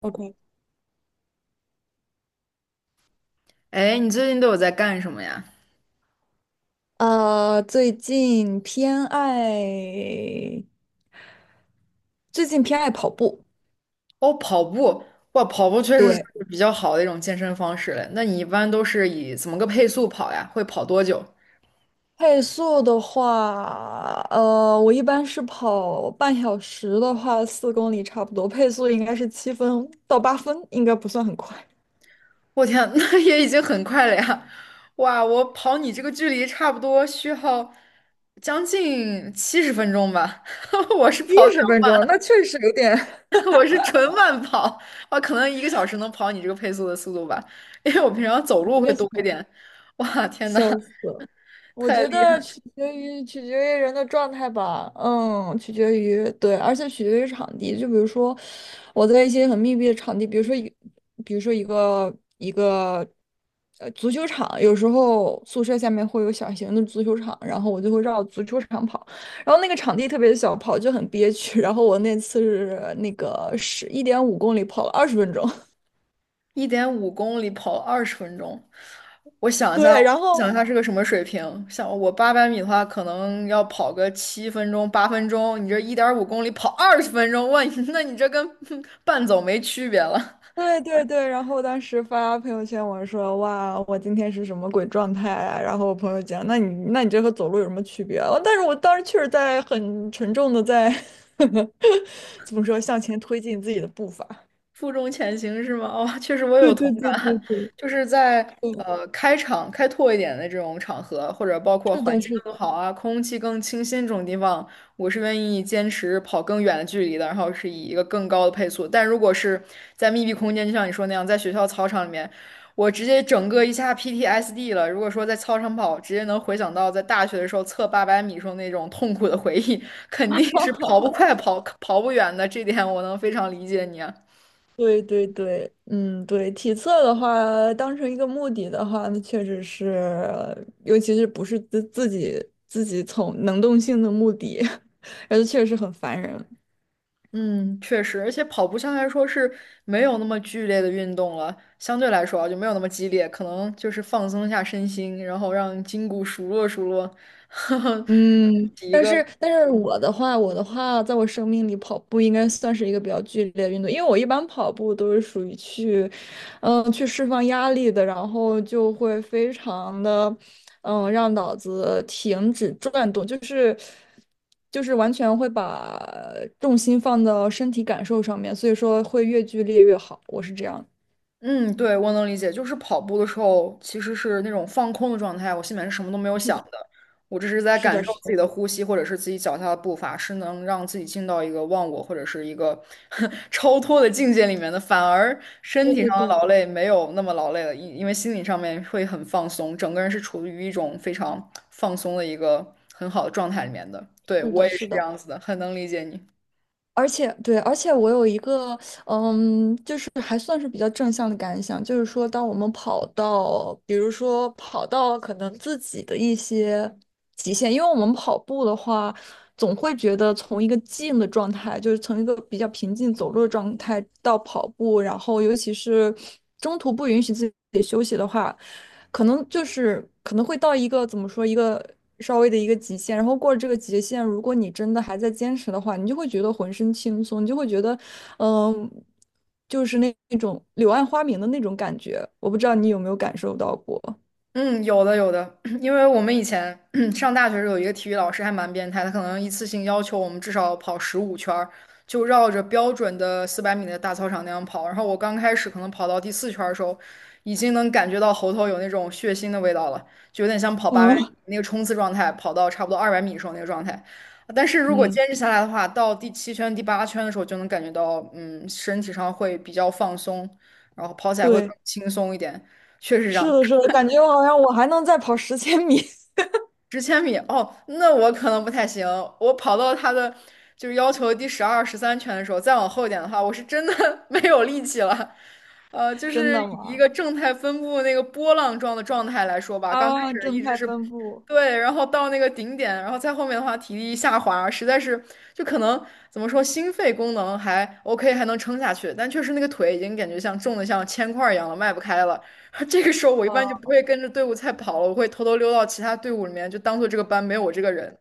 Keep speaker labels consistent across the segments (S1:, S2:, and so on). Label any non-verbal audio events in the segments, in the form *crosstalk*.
S1: OK，
S2: 哎，你最近都有在干什么呀？
S1: 呃，最近偏爱，最近偏爱跑步。
S2: 哦，跑步，哇，跑步确实是
S1: 对，
S2: 比较好的一种健身方式了。那你一般都是以怎么个配速跑呀？会跑多久？
S1: 配速的话，我一般是跑半小时的话，4公里差不多，配速应该是7分到8分，应该不算很快。
S2: 我天，*laughs* 那也已经很快了呀！哇，我跑你这个距离差不多需要将近70分钟吧。*laughs* 我是
S1: 七
S2: 跑比
S1: 十分钟，
S2: 较
S1: 那确实有点
S2: 慢，
S1: *laughs*
S2: *laughs* 我是纯慢跑，啊，可能一个小时能跑你这个配速的速度吧，因为我平常走路
S1: 一
S2: 会
S1: 个
S2: 多一
S1: 小时，
S2: 点。哇，天呐，
S1: 笑死！了。我
S2: 太
S1: 觉
S2: 厉
S1: 得
S2: 害！
S1: 取决于人的状态吧，取决于对，而且取决于场地。就比如说，我在一些很密闭的场地，比如说一个足球场，有时候宿舍下面会有小型的足球场，然后我就会绕足球场跑，然后那个场地特别小，跑就很憋屈。*laughs* 然后我那次是1.5公里跑了20分钟，
S2: 一点五公里跑二十分钟，我
S1: *laughs*
S2: 想一下，
S1: 对，然后。
S2: 想一下是个什么水平？像我八百米的话，可能要跑个7分钟、8分钟，你这一点五公里跑二十分钟，哇，*laughs* 你那你这跟 *laughs* 半走没区别了。
S1: 对对对，然后当时发朋友圈，我说哇，我今天是什么鬼状态啊？然后我朋友讲，那你这和走路有什么区别啊？但是我当时确实在很沉重的在 *laughs* 怎么说向前推进自己的步伐。
S2: 负重前行是吗？哦，确实我有
S1: 对
S2: 同
S1: 对对对
S2: 感，
S1: 对
S2: 就是在
S1: 对，
S2: 开场开拓一点的这种场合，或者包括
S1: 是
S2: 环
S1: 的，
S2: 境
S1: 是
S2: 更
S1: 的，
S2: 好啊、空气更清新这种地方，我是愿意坚持跑更远的距离的，然后是以一个更高的配速。但如果是在密闭空间，就像你说那样，在学校操场里面，我直接整个一下 PTSD 了。如果说在操场跑，直接能回想到在大学的时候测八百米时候那种痛苦的回忆，肯定是跑不快、跑不远的，这点我能非常理解你啊。
S1: 对对对，嗯，对，体测的话，当成一个目的的话，那确实是，尤其是不是自己从能动性的目的，*laughs* 而且确实很烦人。
S2: 嗯，确实，而且跑步相对来说是没有那么剧烈的运动了，相对来说啊就没有那么激烈，可能就是放松一下身心，然后让筋骨熟络熟络，*laughs* 呵呵，
S1: 嗯，
S2: 洗一
S1: 但
S2: 个
S1: 是但是我的话，在我生命里，跑步应该算是一个比较剧烈的运动，因为我一般跑步都是属于去，去释放压力的，然后就会非常的，让脑子停止转动，就是完全会把重心放到身体感受上面，所以说会越剧烈越好，我是这样。
S2: 嗯，对，我能理解，就是跑步的时候其实是那种放空的状态，我心里面是什么都没有
S1: 是
S2: 想
S1: 的，
S2: 的，我只是在
S1: 是
S2: 感
S1: 的，
S2: 受
S1: 是
S2: 自己
S1: 的，
S2: 的呼吸或者是自己脚下的步伐，是能让自己进到一个忘我或者是一个 *laughs* 超脱的境界里面的，反而身
S1: 对
S2: 体上
S1: 对
S2: 的
S1: 对，
S2: 劳累没有那么劳累了，因为心理上面会很放松，整个人是处于一种非常放松的一个很好的状态里面的。对，
S1: 是
S2: 我
S1: 的，
S2: 也
S1: 是
S2: 是这
S1: 的。
S2: 样子的，很能理解你。
S1: 而且对，而且我有一个是还算是比较正向的感想，就是说，当我们跑到，比如说跑到可能自己的一些极限，因为我们跑步的话，总会觉得从一个静的状态，就是从一个比较平静走路的状态到跑步，然后尤其是中途不允许自己休息的话，可能就是可能会到一个怎么说一个稍微的一个极限，然后过了这个极限，如果你真的还在坚持的话，你就会觉得浑身轻松，你就会觉得嗯，就是那种柳暗花明的那种感觉，我不知道你有没有感受到过。
S2: 嗯，有的有的，*clears throat* 因为我们以前 *clears throat* 上大学时候有一个体育老师还蛮变态，他可能一次性要求我们至少跑15圈儿，就绕着标准的400米的大操场那样跑。然后我刚开始可能跑到第4圈儿的时候，已经能感觉到喉头有那种血腥的味道了，就有点像跑八百
S1: 嗯
S2: 米那个冲刺状态，跑到差不多200米的时候那个状态。但是
S1: *laughs*
S2: 如果
S1: 嗯，
S2: 坚持下来的话，到第7圈、第8圈的时候就能感觉到，嗯，身体上会比较放松，然后跑起来会
S1: 对，
S2: 更轻松一点。确实这
S1: 是
S2: 样，
S1: 的，是的，感觉我好像还能再跑十千米。
S2: 十千米哦，那我可能不太行。我跑到他的就是要求第12、13圈的时候，再往后一点的话，我是真的 *laughs* 没有力气了。就
S1: *laughs* 真
S2: 是
S1: 的
S2: 以一
S1: 吗？
S2: 个正态分布那个波浪状的状态来说吧，刚开
S1: 啊，
S2: 始一
S1: 正
S2: 直
S1: 态
S2: 是
S1: 分布。
S2: 对，然后到那个顶点，然后再后面的话体力下滑，实在是就可能怎么说，心肺功能还 OK,还能撑下去，但确实那个腿已经感觉像重的像铅块儿一样了，迈不开了。*laughs* 这个时候我一般就不
S1: 啊
S2: 会跟着队伍赛跑了，我会偷偷溜到其他队伍里面，就当做这个班没有我这个人。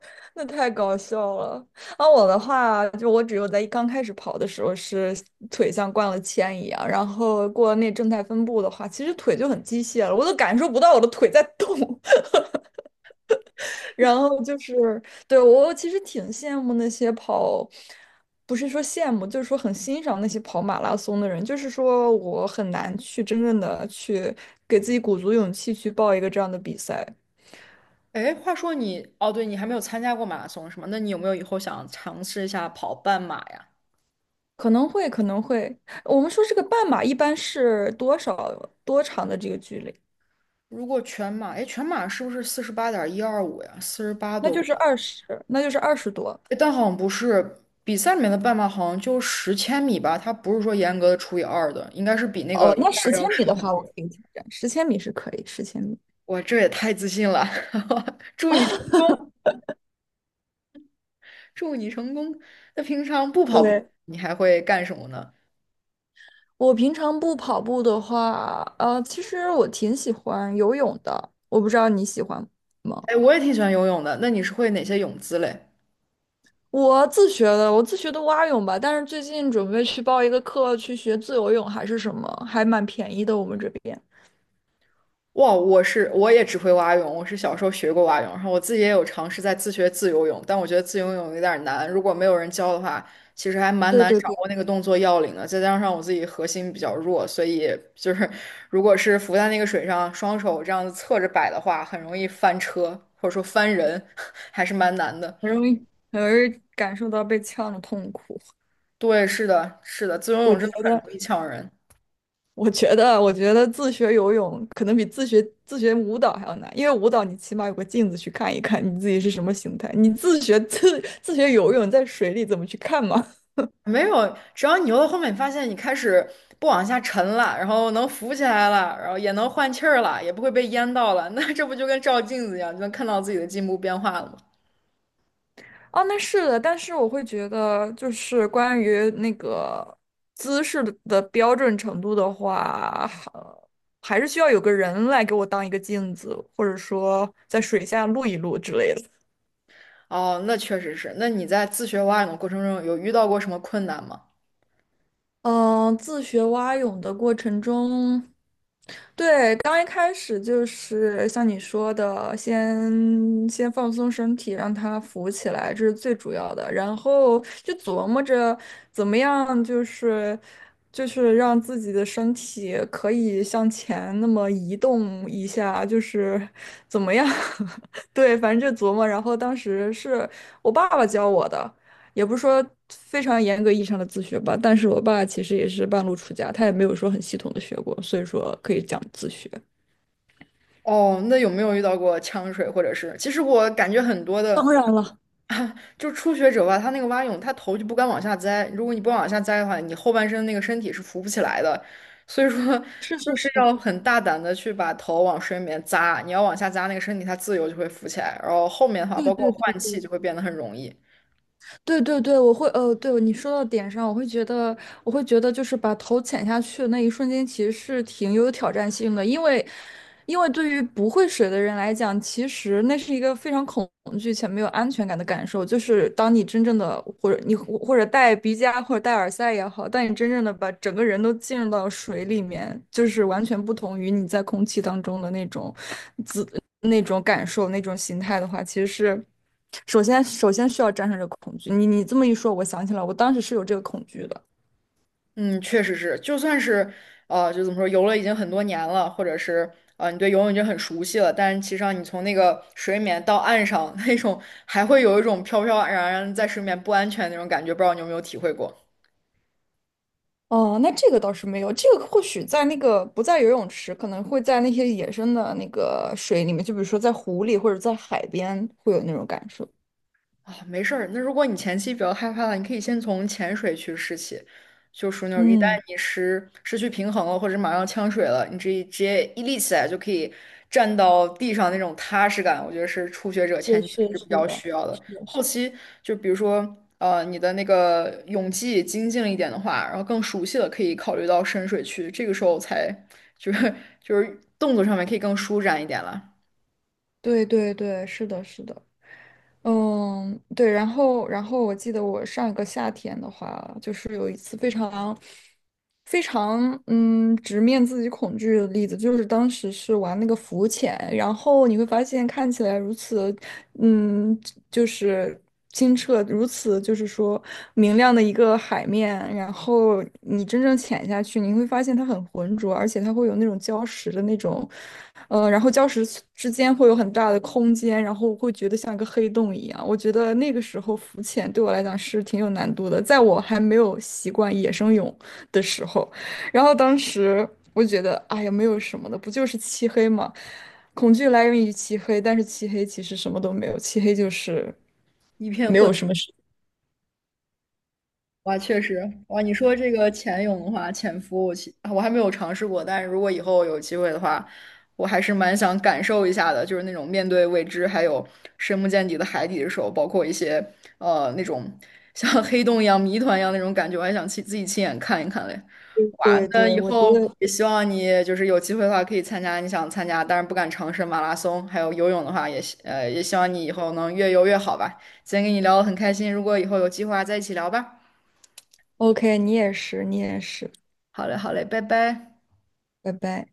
S1: *laughs*，那太搞笑了。啊，我的话，就我只有在刚开始跑的时候是腿像灌了铅一样，然后过了那正态分布的话，其实腿就很机械了，我都感受不到我的腿在动。然后就是，对，我其实挺羡慕那些跑，不是说羡慕，就是说很欣赏那些跑马拉松的人。就是说我很难去真正的去给自己鼓足勇气去报一个这样的比赛，
S2: 哎，话说你，哦，对，你还没有参加过马拉松是吗？那你有没有以后想尝试一下跑半马呀？
S1: 可能会，可能会。我们说这个半马一般是多少多长的这个距离？
S2: 如果全马，哎，全马是不是48.125呀？四十八多公里？
S1: 那就是20多。
S2: 哎，但好像不是，比赛里面的半马好像就十千米吧，它不是说严格的除以二的，应该是比那
S1: 哦，
S2: 个一
S1: 那十
S2: 二
S1: 千
S2: 要
S1: 米
S2: 少
S1: 的
S2: 很
S1: 话，我可
S2: 多。
S1: 以挑战，十千米是可以，十千米。
S2: 哇，这也太自信了，*laughs* 祝你成功！祝你成功。那平常不跑步，
S1: 对，
S2: 你还会干什么呢？
S1: 我平常不跑步的话，其实我挺喜欢游泳的，我不知道你喜欢吗？
S2: 哎，我也挺喜欢游泳的。那你是会哪些泳姿嘞？
S1: 我自学的蛙泳吧，但是最近准备去报一个课，去学自由泳还是什么，还蛮便宜的，我们这边。
S2: 哇，我也只会蛙泳，我是小时候学过蛙泳，然后我自己也有尝试在自学自由泳，但我觉得自由泳有点难，如果没有人教的话，其实还蛮
S1: 对
S2: 难
S1: 对
S2: 掌
S1: 对，
S2: 握那个动作要领的。再加上我自己核心比较弱，所以就是如果是浮在那个水上，双手这样子侧着摆的话，很容易翻车或者说翻人，*laughs* 还是蛮难的。
S1: 很容易，很容易感受到被呛的痛苦。*laughs*
S2: 对，是的，是的，自由
S1: 我
S2: 泳真
S1: 觉
S2: 的很
S1: 得。
S2: 容易呛人。
S1: 我觉得，我觉得自学游泳可能比自学舞蹈还要难，因为舞蹈你起码有个镜子去看一看你自己是什么形态，你自学游泳在水里怎么去看嘛？
S2: 没有，只要你游到后面，你发现你开始不往下沉了，然后能浮起来了，然后也能换气儿了，也不会被淹到了，*laughs* 那这不就跟照镜子一样，就能看到自己的进步变化了吗？
S1: *laughs* 哦，那是的，但是我会觉得，就是关于那个姿势的标准程度的话，还是需要有个人来给我当一个镜子，或者说在水下录一录之类的。
S2: 哦，那确实是。那你在自学蛙泳的过程中，有遇到过什么困难吗？
S1: 嗯，自学蛙泳的过程中，对，刚一开始就是像你说的，先放松身体，让它浮起来，这是最主要的。然后就琢磨着怎么样，就是让自己的身体可以向前那么移动一下，就是怎么样？*laughs* 对，反正就琢磨。然后当时是我爸爸教我的。也不是说非常严格意义上的自学吧，但是我爸其实也是半路出家，他也没有说很系统的学过，所以说可以讲自学。
S2: 哦，那有没有遇到过呛水，或者是？其实我感觉很多的
S1: 当然了，
S2: 就初学者吧，他那个蛙泳，他头就不敢往下栽。如果你不往下栽的话，你后半身那个身体是浮不起来的。所以说，就
S1: 是是是，
S2: 是要很大胆的去把头往水里面扎。你要往下扎，那个身体它自由就会浮起来。然后后面的话，
S1: 对
S2: 包括
S1: 对
S2: 换
S1: 对。
S2: 气就会变得很容易。
S1: 对对对，对你说到点上，我会觉得，就是把头潜下去的那一瞬间，其实是挺有挑战性的，因为对于不会水的人来讲，其实那是一个非常恐惧且没有安全感的感受。就是当你真正的，或者你或者戴鼻夹或者戴耳塞也好，当你真正的把整个人都浸入到水里面，就是完全不同于你在空气当中的那种自那种感受、那种形态的话，其实是。首先需要战胜这个恐惧。你这么一说，我想起来，我当时是有这个恐惧的。
S2: 嗯，确实是，就算是就怎么说，游了已经很多年了，或者是你对游泳已经很熟悉了，但是其实上你从那个水里面到岸上，那种还会有一种飘飘然然在水里面不安全的那种感觉，不知道你有没有体会过？
S1: 哦，那这个倒是没有，这个或许在那个不在游泳池，可能会在那些野生的那个水里面，就比如说在湖里或者在海边，会有那种感受。
S2: 啊，没事儿。那如果你前期比较害怕了，你可以先从潜水去试起，就属于那种一旦
S1: 嗯，
S2: 你失去平衡了，或者马上呛水了，你直接一立起来就可以站到地上那种踏实感，我觉得是初学者前期是比较需要的。后期就比如说你的那个泳技精进了一点的话，然后更熟悉了，可以考虑到深水区，这个时候才就是 *laughs* 就是动作上面可以更舒展一点了，
S1: 对对对，是的，是的。嗯，对，然后我记得我上一个夏天的话，就是有一次非常直面自己恐惧的例子，就是当时是玩那个浮潜，然后你会发现看起来如此嗯，就是清澈如此，就是说明亮的一个海面，然后你真正潜下去，你会发现它很浑浊，而且它会有那种礁石的那种，然后礁石之间会有很大的空间，然后会觉得像一个黑洞一样。我觉得那个时候浮潜对我来讲是挺有难度的，在我还没有习惯野生泳的时候，然后当时我觉得，哎呀，没有什么的，不就是漆黑吗？恐惧来源于漆黑，但是漆黑其实什么都没有，漆黑就是
S2: 一片
S1: 没
S2: 混。
S1: 有什么事。
S2: 哇，确实，哇，你说这个潜泳的话，潜伏我其啊我还没有尝试过，但是如果以后有机会的话，我还是蛮想感受一下的，就是那种面对未知，还有深不见底的海底的时候，包括一些那种像黑洞一样、谜团一样那种感觉，我还想亲自己亲眼看一看嘞。哇，
S1: 对
S2: 那
S1: 对，
S2: 以
S1: 我觉
S2: 后
S1: 得
S2: 也希望你就是有机会的话，可以参加你想参加，但是不敢尝试马拉松，还有游泳的话也希望你以后能越游越好吧。今天跟你聊得很开心，如果以后有计划再一起聊吧。
S1: OK，你也是，你也是，
S2: 好嘞，好嘞，拜拜。
S1: 拜拜。